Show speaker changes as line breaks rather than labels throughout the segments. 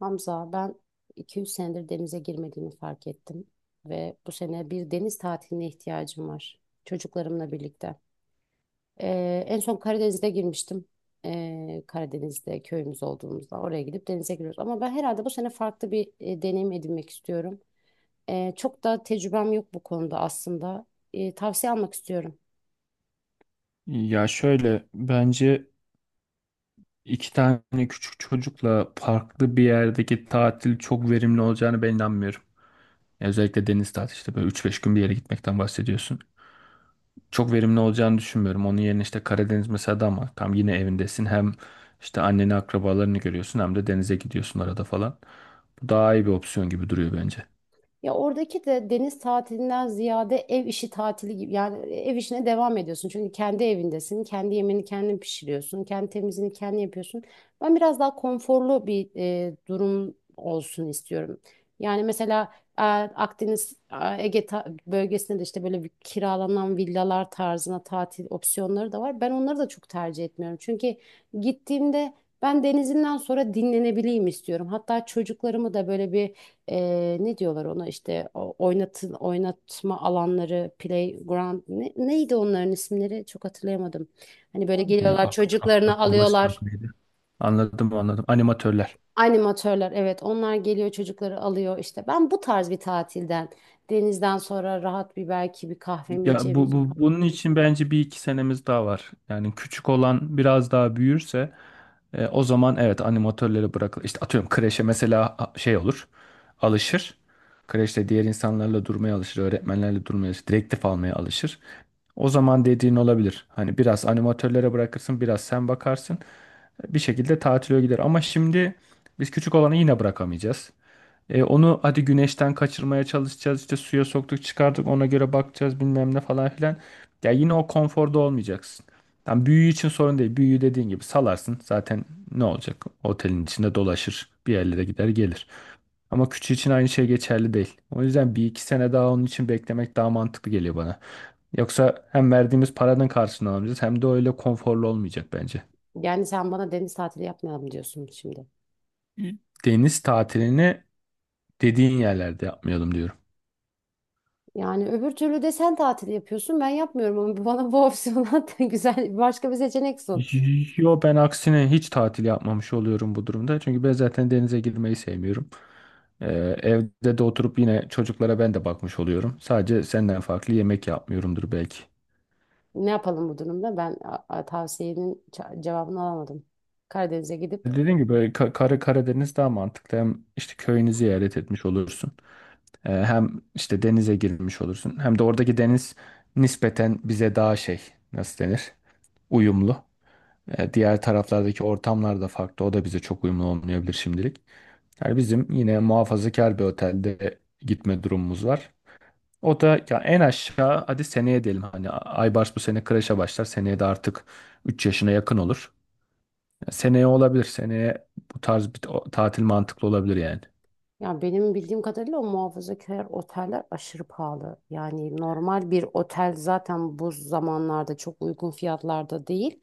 Hamza, ben 2-3 senedir denize girmediğimi fark ettim ve bu sene bir deniz tatiline ihtiyacım var çocuklarımla birlikte. En son Karadeniz'de girmiştim. Karadeniz'de köyümüz olduğumuzda oraya gidip denize giriyoruz. Ama ben herhalde bu sene farklı bir deneyim edinmek istiyorum. Çok da tecrübem yok bu konuda aslında. Tavsiye almak istiyorum.
Ya şöyle bence iki tane küçük çocukla farklı bir yerdeki tatil çok verimli olacağını ben inanmıyorum. Ya özellikle deniz tatili işte böyle üç beş gün bir yere gitmekten bahsediyorsun. Çok verimli olacağını düşünmüyorum. Onun yerine işte Karadeniz mesela da ama tam yine evindesin. Hem işte anneni akrabalarını görüyorsun hem de denize gidiyorsun arada falan. Bu daha iyi bir opsiyon gibi duruyor bence.
Ya oradaki de deniz tatilinden ziyade ev işi tatili gibi, yani ev işine devam ediyorsun. Çünkü kendi evindesin, kendi yemeğini kendin pişiriyorsun, kendi temizliğini kendin yapıyorsun. Ben biraz daha konforlu bir durum olsun istiyorum. Yani mesela Akdeniz, Ege bölgesinde de işte böyle bir kiralanan villalar tarzına tatil opsiyonları da var. Ben onları da çok tercih etmiyorum. Çünkü gittiğimde ben denizinden sonra dinlenebileyim istiyorum. Hatta çocuklarımı da böyle bir ne diyorlar ona, oynatın oynatma alanları, playground, neydi onların isimleri, çok hatırlayamadım. Hani böyle
Ya,
geliyorlar, çocuklarını
akrobasi
alıyorlar.
yok neydi? Anladım anladım. Animatörler.
Animatörler, evet, onlar geliyor çocukları alıyor. İşte ben bu tarz bir tatilden, denizden sonra rahat bir, belki bir kahvemi
Ya bu
içebilirim.
bunun için bence bir iki senemiz daha var. Yani küçük olan biraz daha büyürse o zaman evet animatörleri bırakılır. İşte atıyorum kreşe mesela şey olur. Alışır. Kreşte diğer insanlarla durmaya alışır, öğretmenlerle durmaya alışır, direktif almaya alışır. O zaman dediğin olabilir. Hani biraz animatörlere bırakırsın, biraz sen bakarsın. Bir şekilde tatile gider. Ama şimdi biz küçük olanı yine bırakamayacağız. Onu hadi güneşten kaçırmaya çalışacağız, işte suya soktuk çıkardık ona göre bakacağız bilmem ne falan filan. Ya yine o konforda olmayacaksın. Tam büyüğü için sorun değil. Büyüğü dediğin gibi salarsın. Zaten ne olacak? Otelin içinde dolaşır. Bir yerlere gider gelir. Ama küçüğü için aynı şey geçerli değil. O yüzden bir iki sene daha onun için beklemek daha mantıklı geliyor bana. Yoksa hem verdiğimiz paranın karşılığını alamayacağız hem de öyle konforlu olmayacak bence.
Yani sen bana deniz tatili yapmayalım diyorsun şimdi.
Deniz tatilini dediğin yerlerde yapmayalım diyorum.
Yani öbür türlü de sen tatil yapıyorsun, ben yapmıyorum, ama bana bu opsiyonu güzel, başka bir seçenek sun.
Yo, ben aksine hiç tatil yapmamış oluyorum bu durumda. Çünkü ben zaten denize girmeyi sevmiyorum. Ee, Evde de oturup yine çocuklara ben de bakmış oluyorum. Sadece senden farklı yemek yapmıyorumdur belki.
Ne yapalım bu durumda? Ben tavsiyenin cevabını alamadım. Karadeniz'e gidip,
Dediğim gibi böyle Karadeniz daha mantıklı. Hem işte köyünü ziyaret etmiş olursun. Hem işte denize girmiş olursun. Hem de oradaki deniz nispeten bize daha şey, nasıl denir? Uyumlu. E, diğer taraflardaki ortamlar da farklı. O da bize çok uyumlu olmayabilir şimdilik. Yani bizim yine muhafazakar bir otelde gitme durumumuz var. O da ya en aşağı hadi seneye diyelim. Hani Aybars bu sene kreşe başlar. Seneye de artık 3 yaşına yakın olur. Ya seneye olabilir. Seneye bu tarz bir tatil mantıklı olabilir yani.
ya benim bildiğim kadarıyla o muhafazakar oteller aşırı pahalı. Yani normal bir otel zaten bu zamanlarda çok uygun fiyatlarda değil.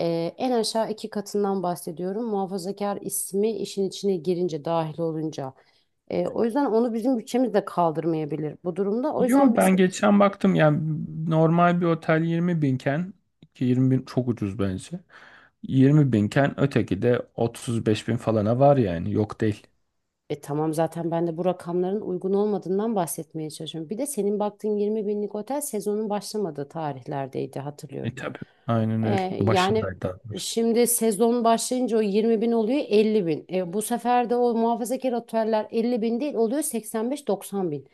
En aşağı iki katından bahsediyorum. Muhafazakar ismi işin içine girince, dahil olunca. O yüzden onu bizim bütçemiz de kaldırmayabilir bu durumda. O yüzden
Yo, ben
bizim,
geçen baktım yani normal bir otel 20 binken, ki 20 bin çok ucuz bence. 20 binken öteki de 35 bin falana var yani, yok değil.
E tamam, zaten ben de bu rakamların uygun olmadığından bahsetmeye çalışıyorum. Bir de senin baktığın 20 binlik otel sezonun başlamadığı tarihlerdeydi,
E
hatırlıyorum.
tabii. Aynen
Ee,
öyle.
yani
Başındaydı daha doğrusu.
şimdi sezon başlayınca o 20 bin oluyor 50 bin. E, bu sefer de o muhafazakar oteller 50 bin değil oluyor 85-90 bin.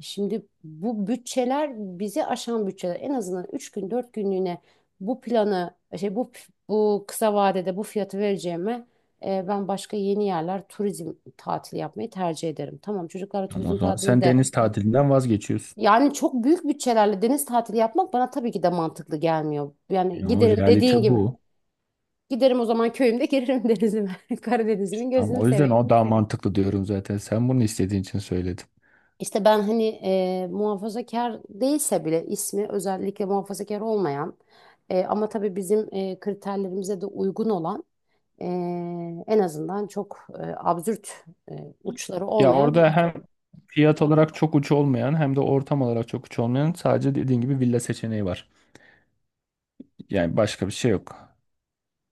Şimdi bu bütçeler bizi aşan bütçeler. En azından 3 gün, 4 günlüğüne bu planı şey bu bu kısa vadede bu fiyatı vereceğime, ben başka yeni yerler, turizm tatili yapmayı tercih ederim. Tamam, çocuklarla
Ama o
turizm
zaman
tatili
sen
de,
deniz tatilinden vazgeçiyorsun.
yani çok büyük bütçelerle deniz tatili yapmak bana tabii ki de mantıklı gelmiyor. Yani
Ya o
giderim,
realite
dediğin gibi.
bu.
Giderim o zaman, köyümde girerim denizime. Karadeniz'imin
Tamam,
gözünü
o yüzden
seveyim.
o daha mantıklı diyorum zaten. Sen bunu istediğin için söyledim.
İşte ben hani, muhafazakar değilse bile ismi özellikle muhafazakar olmayan, ama tabii bizim kriterlerimize de uygun olan, e, en azından çok absürt uçları
Ya
olmayan bir
orada
otel.
hem fiyat olarak çok uç olmayan hem de ortam olarak çok uç olmayan sadece dediğin gibi villa seçeneği var. Yani başka bir şey yok.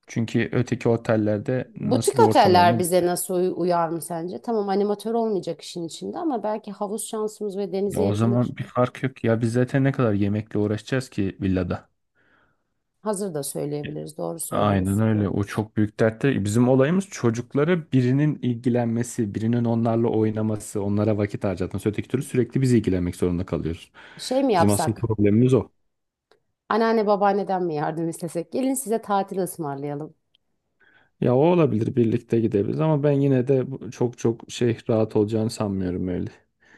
Çünkü öteki otellerde
Butik
nasıl bir ortam
oteller
olduğunu...
bize nasıl uyar mı sence? Tamam, animatör olmayacak işin içinde ama belki havuz şansımız ve
Ya
denize
o
yakınlık
zaman bir fark yok ya, biz zaten ne kadar yemekle uğraşacağız ki villada.
hazır da söyleyebiliriz. Doğru
Aynen
söylüyorsun.
öyle, o çok büyük dert değil. Bizim olayımız çocuklara birinin ilgilenmesi, birinin onlarla oynaması, onlara vakit harcatması. Öteki türlü sürekli biz ilgilenmek zorunda kalıyoruz.
Şey mi
Bizim asıl
yapsak?
problemimiz o.
Anneanne, babaanneden mi yardım istesek? Gelin size tatil ısmarlayalım.
Ya o olabilir, birlikte gidebiliriz ama ben yine de çok çok şey rahat olacağını sanmıyorum öyle.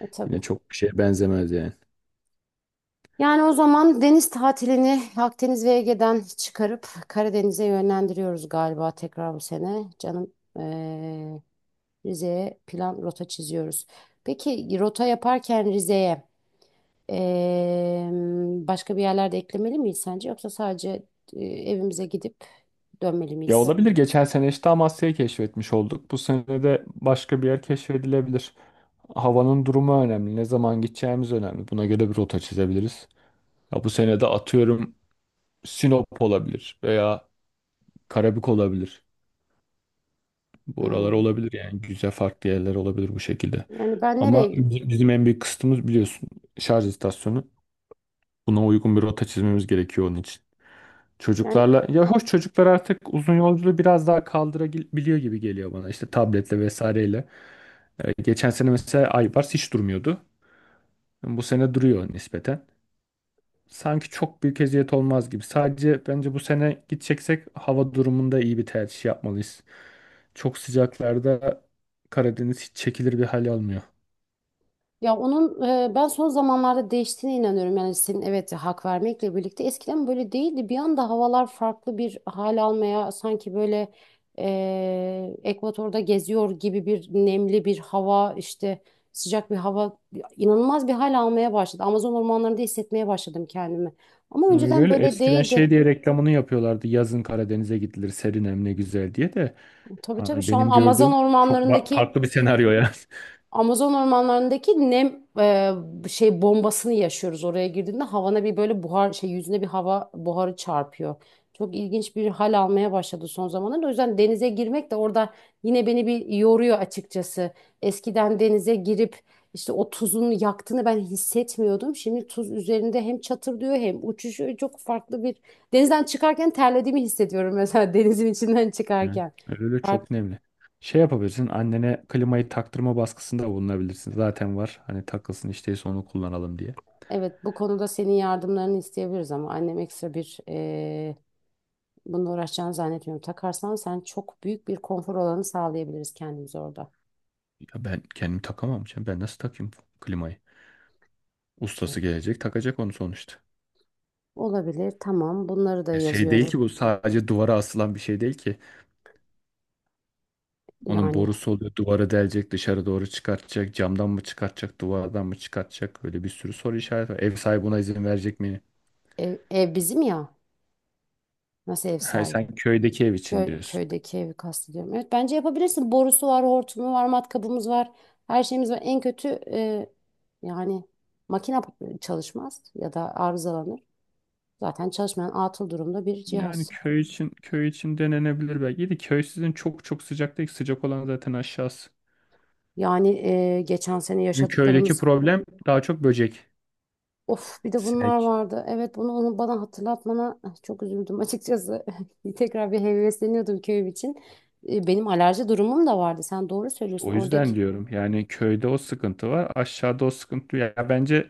E tabii.
Yine çok bir şeye benzemez yani.
Yani o zaman deniz tatilini Akdeniz ve Ege'den çıkarıp Karadeniz'e yönlendiriyoruz galiba tekrar bu sene. Canım, eee, Rize'ye plan, rota çiziyoruz. Peki rota yaparken Rize'ye, eee, başka bir yerlerde eklemeli miyiz sence? Yoksa sadece evimize gidip dönmeli
Ya
miyiz?
olabilir. Geçen sene işte Amasya'yı keşfetmiş olduk. Bu sene de başka bir yer keşfedilebilir. Havanın durumu önemli. Ne zaman gideceğimiz önemli. Buna göre bir rota çizebiliriz. Ya bu sene de atıyorum Sinop olabilir veya Karabük olabilir. Buralar
Hmm.
olabilir yani, güzel farklı yerler olabilir bu şekilde.
Yani ben
Ama
nereye,
bizim en büyük kısıtımız biliyorsun, şarj istasyonu. Buna uygun bir rota çizmemiz gerekiyor onun için.
yani.
Çocuklarla ya hoş, çocuklar artık uzun yolculuğu biraz daha kaldırabiliyor gibi geliyor bana işte tabletle vesaireyle. Geçen sene mesela Aybars hiç durmuyordu. Bu sene duruyor nispeten. Sanki çok büyük eziyet olmaz gibi. Sadece bence bu sene gideceksek hava durumunda iyi bir tercih yapmalıyız. Çok sıcaklarda Karadeniz hiç çekilir bir hal almıyor.
Ya onun, ben son zamanlarda değiştiğine inanıyorum. Yani senin, evet, hak vermekle birlikte, eskiden böyle değildi. Bir anda havalar farklı bir hal almaya, sanki böyle Ekvator'da geziyor gibi, bir nemli bir hava, işte sıcak bir hava, inanılmaz bir hal almaya başladı. Amazon ormanlarında hissetmeye başladım kendimi. Ama
Öyle
önceden
öyle.
böyle
Eskiden
değildi.
şey diye reklamını yapıyorlardı. Yazın Karadeniz'e gidilir, serin hem ne güzel diye de.
Tabii, tabii,
Yani
şu an
benim gördüğüm çok farklı bir senaryo ya.
Amazon ormanlarındaki nem, şey bombasını yaşıyoruz. Oraya girdiğinde havana bir böyle buhar, şey, yüzüne bir hava buharı çarpıyor. Çok ilginç bir hal almaya başladı son zamanlarda. O yüzden denize girmek de orada yine beni bir yoruyor, açıkçası. Eskiden denize girip işte o tuzun yaktığını ben hissetmiyordum. Şimdi tuz üzerinde hem çatırdıyor hem uçuşuyor. Çok farklı bir, denizden çıkarken terlediğimi hissediyorum mesela denizin içinden
Yani
çıkarken.
öyle çok nemli. Şey yapabilirsin, annene klimayı taktırma baskısında bulunabilirsin. Zaten var hani, takılsın işteyse onu kullanalım diye.
Evet, bu konuda senin yardımlarını isteyebiliriz ama annem ekstra bir bununla uğraşacağını zannetmiyorum. Takarsan sen, çok büyük bir konfor alanı sağlayabiliriz kendimize orada.
Ya ben kendim takamam canım. Ben nasıl takayım klimayı? Ustası
Evet.
gelecek takacak onu sonuçta.
Olabilir, tamam. Bunları da
Ya şey değil
yazıyorum.
ki bu, sadece duvara asılan bir şey değil ki. Onun
Yani
borusu oluyor, duvara delecek, dışarı doğru çıkartacak. Camdan mı çıkartacak, duvardan mı çıkartacak. Böyle bir sürü soru işareti var. Ev sahibi buna izin verecek mi?
ev bizim ya. Nasıl ev
Ha,
sahibi?
sen köydeki ev için diyorsun.
Köydeki evi kastediyorum. Evet, bence yapabilirsin. Borusu var, hortumu var, matkabımız var. Her şeyimiz var. En kötü, yani makine çalışmaz ya da arızalanır. Zaten çalışmayan, atıl durumda bir
Yani
cihaz.
köy için, köy için denenebilir belki. İyi de köy sizin çok çok sıcak değil. Sıcak olan zaten aşağısı.
Yani, geçen sene
Bizim köydeki
yaşadıklarımız.
problem daha çok böcek,
Of, bir de bunlar
sinek.
vardı. Evet, bunu, onu bana hatırlatmana çok üzüldüm açıkçası. Tekrar bir hevesleniyordum köyüm için. E, benim alerji durumum da vardı. Sen doğru
İşte
söylüyorsun
o
oradaki.
yüzden diyorum. Yani köyde o sıkıntı var. Aşağıda o sıkıntı yok. Ya bence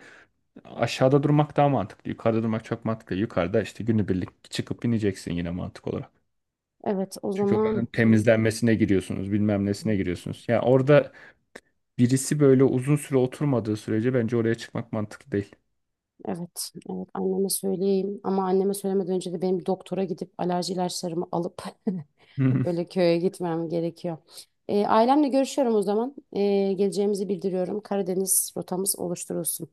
aşağıda durmak daha mantıklı. Yukarıda durmak çok mantıklı. Yukarıda işte günübirlik çıkıp ineceksin yine mantık olarak.
Evet, o
Çünkü oranın
zaman,
temizlenmesine giriyorsunuz, bilmem nesine giriyorsunuz. Ya orada birisi böyle uzun süre oturmadığı sürece bence oraya çıkmak mantıklı değil.
evet, evet, anneme söyleyeyim. Ama anneme söylemeden önce de benim bir doktora gidip alerji ilaçlarımı alıp öyle köye gitmem gerekiyor. E, ailemle görüşüyorum o zaman. E, geleceğimizi bildiriyorum. Karadeniz rotamız oluşturulsun.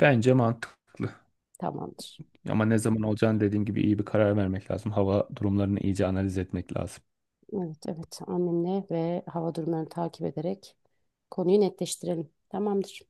Bence mantıklı.
Tamamdır.
Ama ne zaman olacağını dediğin gibi iyi bir karar vermek lazım. Hava durumlarını iyice analiz etmek lazım.
Evet, evet. Annemle ve hava durumlarını takip ederek konuyu netleştirelim. Tamamdır.